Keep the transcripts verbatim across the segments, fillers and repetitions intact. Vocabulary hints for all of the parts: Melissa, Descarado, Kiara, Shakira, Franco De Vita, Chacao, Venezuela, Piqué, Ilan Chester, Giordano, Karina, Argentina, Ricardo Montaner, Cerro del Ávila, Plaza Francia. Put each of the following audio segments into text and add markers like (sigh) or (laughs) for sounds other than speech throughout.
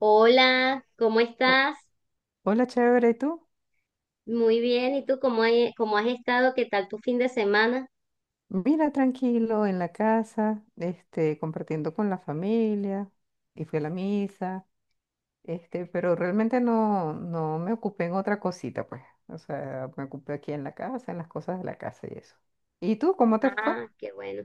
Hola, ¿cómo O- estás? Hola, chévere, ¿y tú? Muy bien, ¿y tú cómo, hay- cómo has estado? ¿Qué tal tu fin de semana? Mira, tranquilo, en la casa, este, compartiendo con la familia, y fui a la misa, este, pero realmente no, no me ocupé en otra cosita, pues. O sea, me ocupé aquí en la casa, en las cosas de la casa y eso. ¿Y tú, cómo te fue? Ah, qué bueno.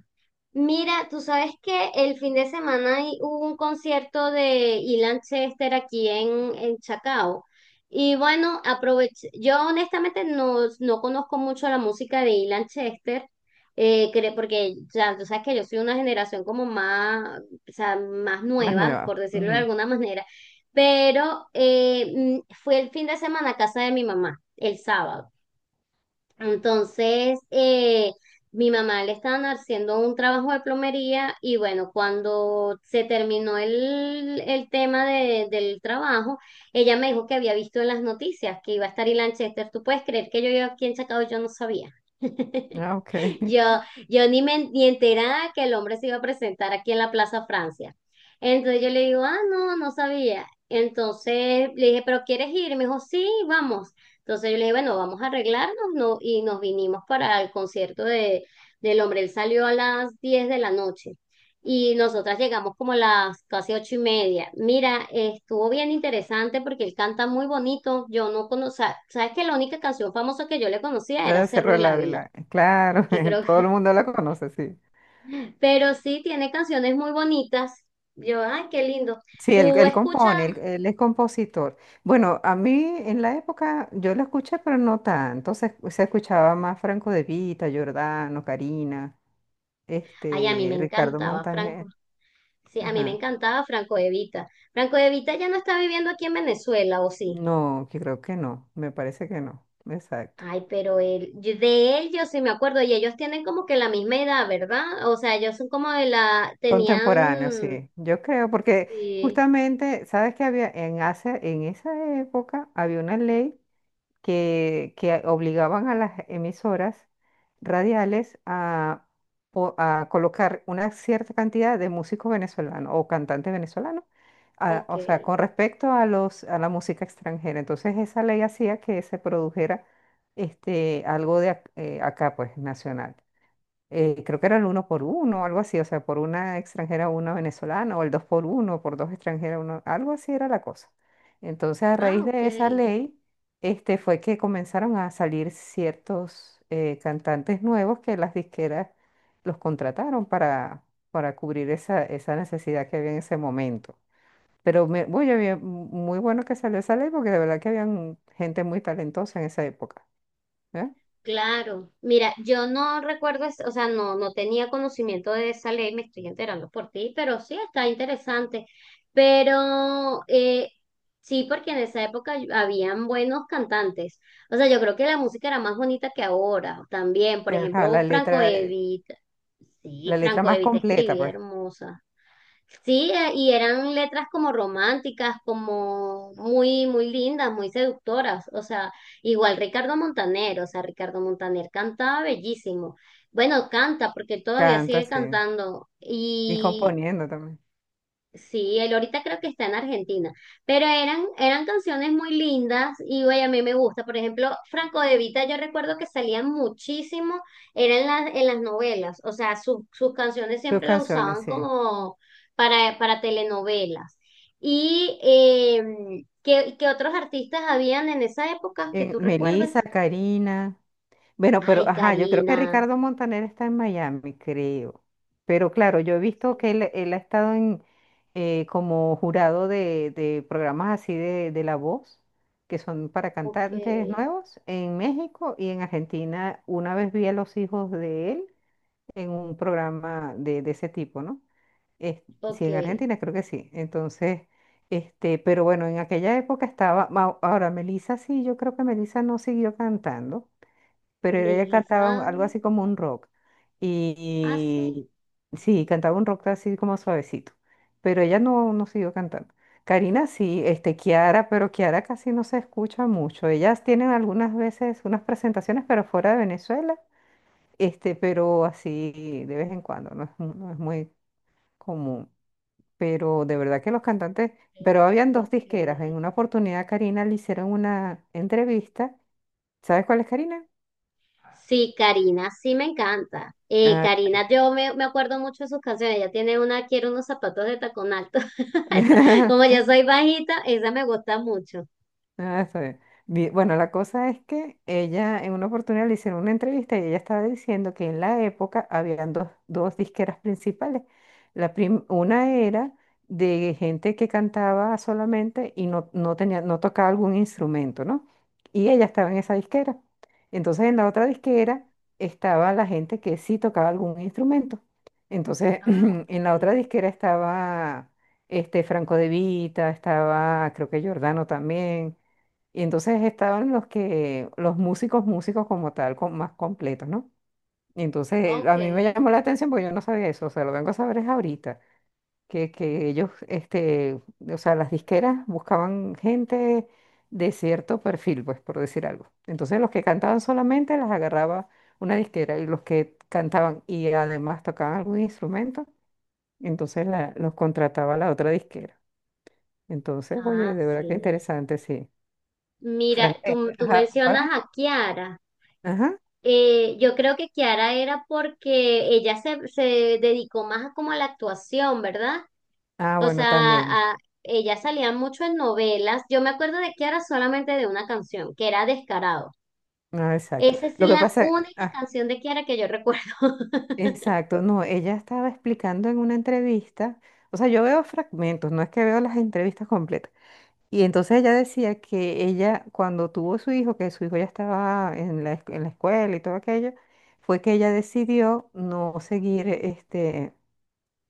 Mira, tú sabes que el fin de semana hay- hubo un concierto de Ilan Chester aquí en, en Chacao. Y bueno, aproveché. Yo honestamente no, no conozco mucho la música de Ilan Chester, eh, cre- porque ya tú sabes que yo soy una generación como más, o sea, más Más nueva, por nueva. decirlo de Ujú. alguna manera. Pero eh, mm, fue el fin de semana a casa de mi mamá, el sábado. Entonces, eh, mi mamá le estaban haciendo un trabajo de plomería y bueno, cuando se terminó el, el tema de- del trabajo, ella me dijo que había visto en las noticias que iba a estar Ilan Chester. ¿Tú puedes creer que yo iba aquí en Chacao y yo no sabía? (laughs) Ah, ok. Yo, (laughs) yo ni me ni enterada que el hombre se iba a presentar aquí en la Plaza Francia. Entonces yo le digo, ah, no, no sabía. Entonces le dije, ¿pero quieres ir? Y me dijo, sí, vamos. Entonces yo le dije, bueno, vamos a arreglarnos, ¿no? Y nos vinimos para el concierto de, del hombre. Él salió a las diez de la noche y nosotras llegamos como a las casi ocho y media. Mira, estuvo bien interesante porque él canta muy bonito. Yo no conocía, sabes que la única canción famosa que yo le conocía La era de Cerro Cerro del del Ávila Ávila. Claro, que creo, (laughs) todo el mundo la conoce, sí. pero sí tiene canciones muy bonitas. Yo, ay, qué lindo. Sí, él, Tú él escuchas, compone, él, él es compositor. Bueno, a mí en la época yo lo escuché, pero no tanto. Se, se escuchaba más Franco De Vita, Giordano, Karina, ay, a mí me este, Ricardo encantaba Franco. Montaner. Sí, a mí me Ajá. encantaba Franco De Vita. Franco De Vita ya no está viviendo aquí en Venezuela, ¿o sí? No, que creo que no, me parece que no. Exacto. Ay, pero él, yo- de él yo sí me acuerdo y ellos tienen como que la misma edad, ¿verdad? O sea, ellos son como de la, Contemporáneo, tenían, sí. Yo creo, porque sí, justamente, ¿sabes qué había? En, hace, en esa época había una ley, que, que obligaban a las emisoras radiales a, po- a colocar una cierta cantidad de músicos venezolanos o cantantes venezolanos, a- ok. o sea, con respecto a los, a la música extranjera. Entonces esa ley hacía que se produjera este, algo de ac- eh, acá, pues, nacional, eh, creo que era el uno por uno, algo así, o sea, por una extranjera una venezolana, o el dos por uno, por dos extranjeras uno, algo así era la cosa. Entonces, a Ah, raíz ok. de esa ley, este, fue que comenzaron a salir ciertos eh, cantantes nuevos que las disqueras los contrataron para, para cubrir esa, esa necesidad que había en ese momento. Pero me, uy, había- muy bueno que salió esa ley porque de verdad que habían gente muy talentosa en esa época. ¿Eh? Claro, mira, yo no recuerdo, es- o sea, no, no tenía conocimiento de esa ley, me estoy enterando por ti, pero sí está interesante. Pero eh, sí, porque en esa época habían buenos cantantes. O sea, yo creo que la música era más bonita que ahora también. Por Ajá, la ejemplo, Franco letra, Evita. Sí, la letra Franco más Evita completa, escribía pues. hermosa. Sí, eh, y eran letras como románticas, como muy, muy lindas, muy seductoras. O sea, igual Ricardo Montaner, o sea, Ricardo Montaner cantaba bellísimo. Bueno, canta porque todavía Canta, sigue sí. cantando. Y Y componiendo también sí, él ahorita creo que está en Argentina, pero eran, eran canciones muy lindas y güey, a mí me gusta. Por ejemplo, Franco De Vita, yo recuerdo que salían muchísimo, eran las, en las novelas, o sea, su- sus canciones sus siempre lo canciones, usaban sí. como para, para telenovelas. ¿Y eh, ¿qué, qué otros artistas habían en esa época que En tú Melissa, recuerdas? Karina. Bueno, pero Ay, ajá, yo creo que Karina, Ricardo Montaner está en Miami, creo. Pero claro, yo he visto que él, él ha estado en eh, como jurado de, de programas así de, de La Voz, que son para ok, cantantes nuevos, en México y en Argentina. Una vez vi a los hijos de él en un programa de, de ese tipo, ¿no? Es- sí, ok. en Argentina creo que sí. Entonces, este, pero bueno, en aquella época estaba, ma- ahora Melissa sí, yo creo que Melissa no siguió cantando, pero ella Melissa, cantaba un- algo así como un rock. ah, sí, Y, y sí, cantaba un rock así como suavecito, pero ella no, no siguió cantando. Karina sí, este, Kiara, pero Kiara casi no se escucha mucho. Ellas tienen algunas veces unas presentaciones, pero fuera de Venezuela, este, pero así de vez en cuando, no es, mu- no es muy común, pero de verdad que los cantantes, pero habían dos ok. disqueras. En una oportunidad a Karina le hicieron una entrevista. ¿Sabes cuál es Karina? Sí, Karina, sí me encanta. Eh, Ah. Karina, yo me, me acuerdo mucho de sus canciones. Ella tiene una, quiero unos zapatos de tacón alto. (laughs) Esa. Como yo (laughs) soy bajita, esa me gusta mucho. Ah, está bien. Vi- Bueno, la cosa es que ella en una oportunidad le hicieron una entrevista y ella estaba diciendo que en la época habían dos, dos disqueras principales. La prim- una era de gente que cantaba solamente y no, no tenía, no tocaba algún instrumento, ¿no? Y ella estaba en esa disquera. Entonces en la otra disquera estaba la gente que sí tocaba algún instrumento. Entonces (clears throat) Ah, en la ok. otra disquera estaba este Franco De Vita, estaba creo que Giordano también y entonces estaban los que, los músicos, músicos como tal, con, más completos, ¿no? Y entonces Ok. a mí me llamó la atención porque yo no sabía eso, o sea, lo vengo a saber es ahorita, que, que ellos, este, o sea, las disqueras buscaban gente de cierto perfil, pues, por decir algo. Entonces los que cantaban solamente las agarraba una disquera y los que cantaban y además tocaban algún instrumento, entonces la- los contrataba la otra disquera. Entonces, oye, Ah, de verdad que sí. interesante, sí. Mira, Frank, tú, Este, tú ajá, para. mencionas a Kiara. Ajá. Eh, yo creo que Kiara era porque ella se, se dedicó más a como a la actuación, ¿verdad? Ah, O bueno, sea, también. a- ella salía mucho en novelas. Yo me acuerdo de Kiara solamente de una canción, que era Descarado. Ah, exacto. Esa es Lo que la pasa, única ah, canción de Kiara que yo recuerdo. (laughs) exacto, no, ella estaba explicando en una entrevista, o sea, yo veo fragmentos, no es que veo las entrevistas completas. Y entonces ella decía que ella, cuando tuvo su hijo, que su hijo ya estaba en la, esc- en la escuela y todo aquello, fue que ella decidió no seguir este,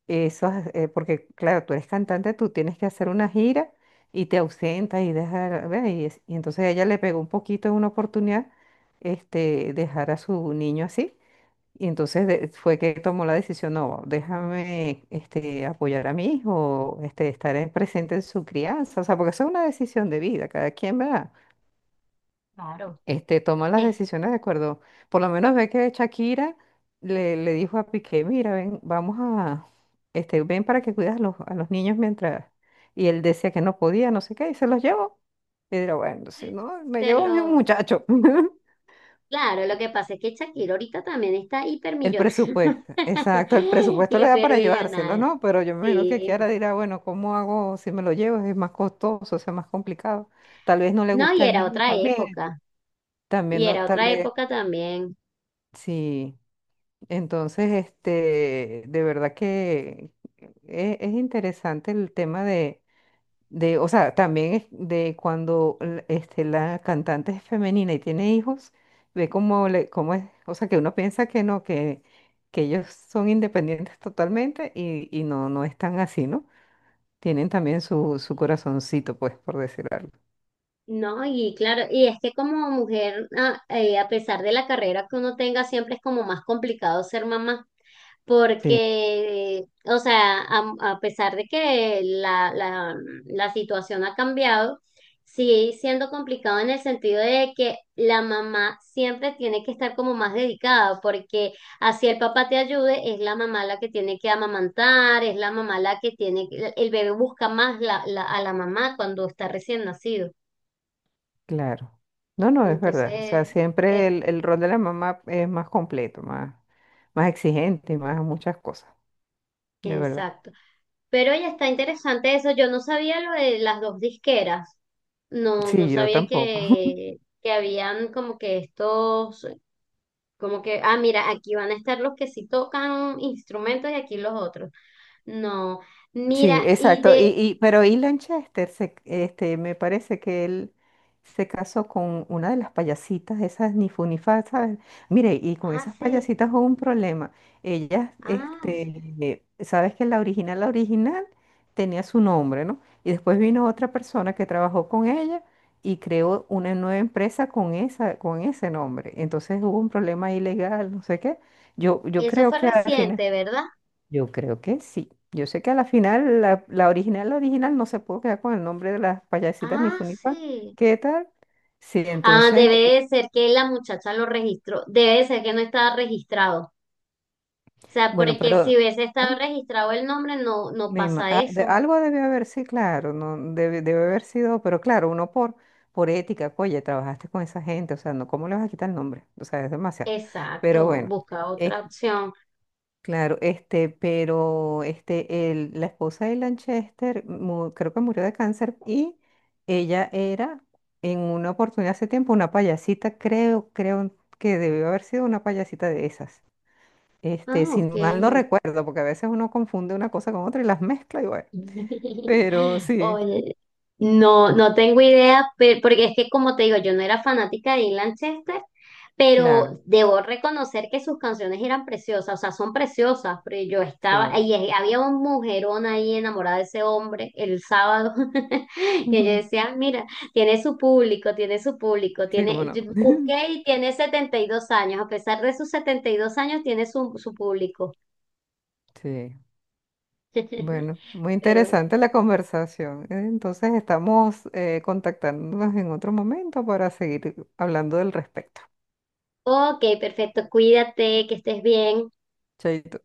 eso, es, eh, porque claro, tú eres cantante, tú tienes que hacer una gira y te ausentas y dejar, ve, y, es- y entonces a ella le pegó un poquito en una oportunidad, este, dejar a su niño así. Y entonces de- fue que tomó la decisión, no, déjame, este, apoyar a mi hijo, este, estar en- presente en su crianza, o sea, porque eso es una decisión de vida, cada quien, ¿verdad? Claro. este, toma las decisiones de acuerdo. Por lo menos ve que Shakira le, le dijo a Piqué, mira, ven, vamos a, este, ven para que cuidas a los, a los niños mientras, y él decía que no podía, no sé qué, y se los llevó. Y dirá, bueno, si no, me Este, llevo a mi lo... muchacho. (laughs) Claro, lo que pasa es que Shakira ahorita también está El hipermillonaria. presupuesto, exacto, el (laughs) presupuesto le da para llevárselo, Hipermillonaria, ¿no? Pero yo me imagino que Kiara sí. dirá, bueno, ¿cómo hago si me lo llevo? Es más costoso, o sea, más complicado. Tal vez no le No, y gusta al era niño otra también, época. también Y no, era tal otra vez, época también. sí. Entonces, este, de verdad que e- es, interesante el tema de, de, o sea, también es de cuando l- este, la cantante es femenina y tiene hijos, ve cómo, le, cómo es, o sea, que uno piensa que no, que, que ellos son independientes totalmente y, y no, no están así, ¿no? Tienen también su, su corazoncito, pues, por decir algo. No, y claro, y es que como mujer, a, eh, a pesar de la carrera que uno tenga, siempre es como más complicado ser mamá. Porque, o sea, a, a pesar de que la, la, la situación ha cambiado, sigue siendo complicado en el sentido de que la mamá siempre tiene que estar como más dedicada, porque así el papá te ayude, es la mamá la que tiene que amamantar, es la mamá la que tiene, que- el bebé busca más la, la- a la mamá cuando está recién nacido. Claro. No, no, es verdad. O sea, Entonces, siempre es, el, el rol de la mamá es más completo, más, más exigente, más muchas cosas, de verdad. exacto. Pero ya está interesante eso. Yo no sabía lo de las dos disqueras. No, no Sí, yo sabía tampoco. que, que habían como que estos, como que, ah, mira, aquí van a estar los que sí tocan instrumentos y aquí los otros. No, Sí, mira, y exacto. Y, de, y, pero Ilan Chester, se- este, me parece que él se casó con una de las payasitas, esas ni fu ni fa, ¿sabes? Mire, y con ah, esas sí, payasitas hubo un problema. Ellas, ah, sí. este, sabes que la original, la original tenía su nombre, ¿no? Y después vino otra persona que trabajó con ella y creó una nueva empresa con esa, con ese nombre. Entonces hubo un problema ilegal, no sé qué. Yo, yo Eso creo fue que al final. reciente, ¿verdad? Yo creo que sí. Yo sé que a la final, la, la original, la original no se pudo quedar con el nombre de las payasitas ni Ah, Funipa. sí. ¿Qué tal? Sí, Ah, entonces, debe eh, de ser que la muchacha lo registró, debe de ser que no estaba registrado. O sea, bueno, porque pero si hubiese ah, estado registrado el nombre, no, no me ima- pasa ah, de- eso. algo debe haber, sí, claro, no debe, debe haber sido, pero claro, uno por, por ética, oye, trabajaste con esa gente, o sea, no, ¿cómo le vas a quitar el nombre? O sea, es demasiado. Pero Exacto, bueno, busca otra opción. claro, este, pero este, el- la esposa de Lanchester mu- creo que murió de cáncer y ella era en una oportunidad hace tiempo una payasita, creo, creo que debió haber sido una payasita de esas. Este, Ah, si ok. mal no recuerdo, porque a veces uno confunde una cosa con otra y las mezcla y bueno. (laughs) Pero sí, Oye, no, no tengo idea, pe- porque es que como te digo, yo no era fanática de Ian Chester, claro, pero debo reconocer que sus canciones eran preciosas, o sea, son preciosas, pero yo estaba, sí. y es- había un mujerón ahí enamorada de ese hombre el sábado, (laughs) que yo (laughs) decía, mira, tiene su público, tiene su público, Sí, cómo tiene, no. yo (laughs) busqué y tiene setenta y dos años, a pesar de sus setenta y dos años, tiene su, su público. Sí. (laughs) Bueno, muy Pero bueno. interesante la conversación. Eh, Entonces estamos eh, contactándonos en otro momento para seguir hablando del respecto. Ok, perfecto. Cuídate, que estés bien. Chaito.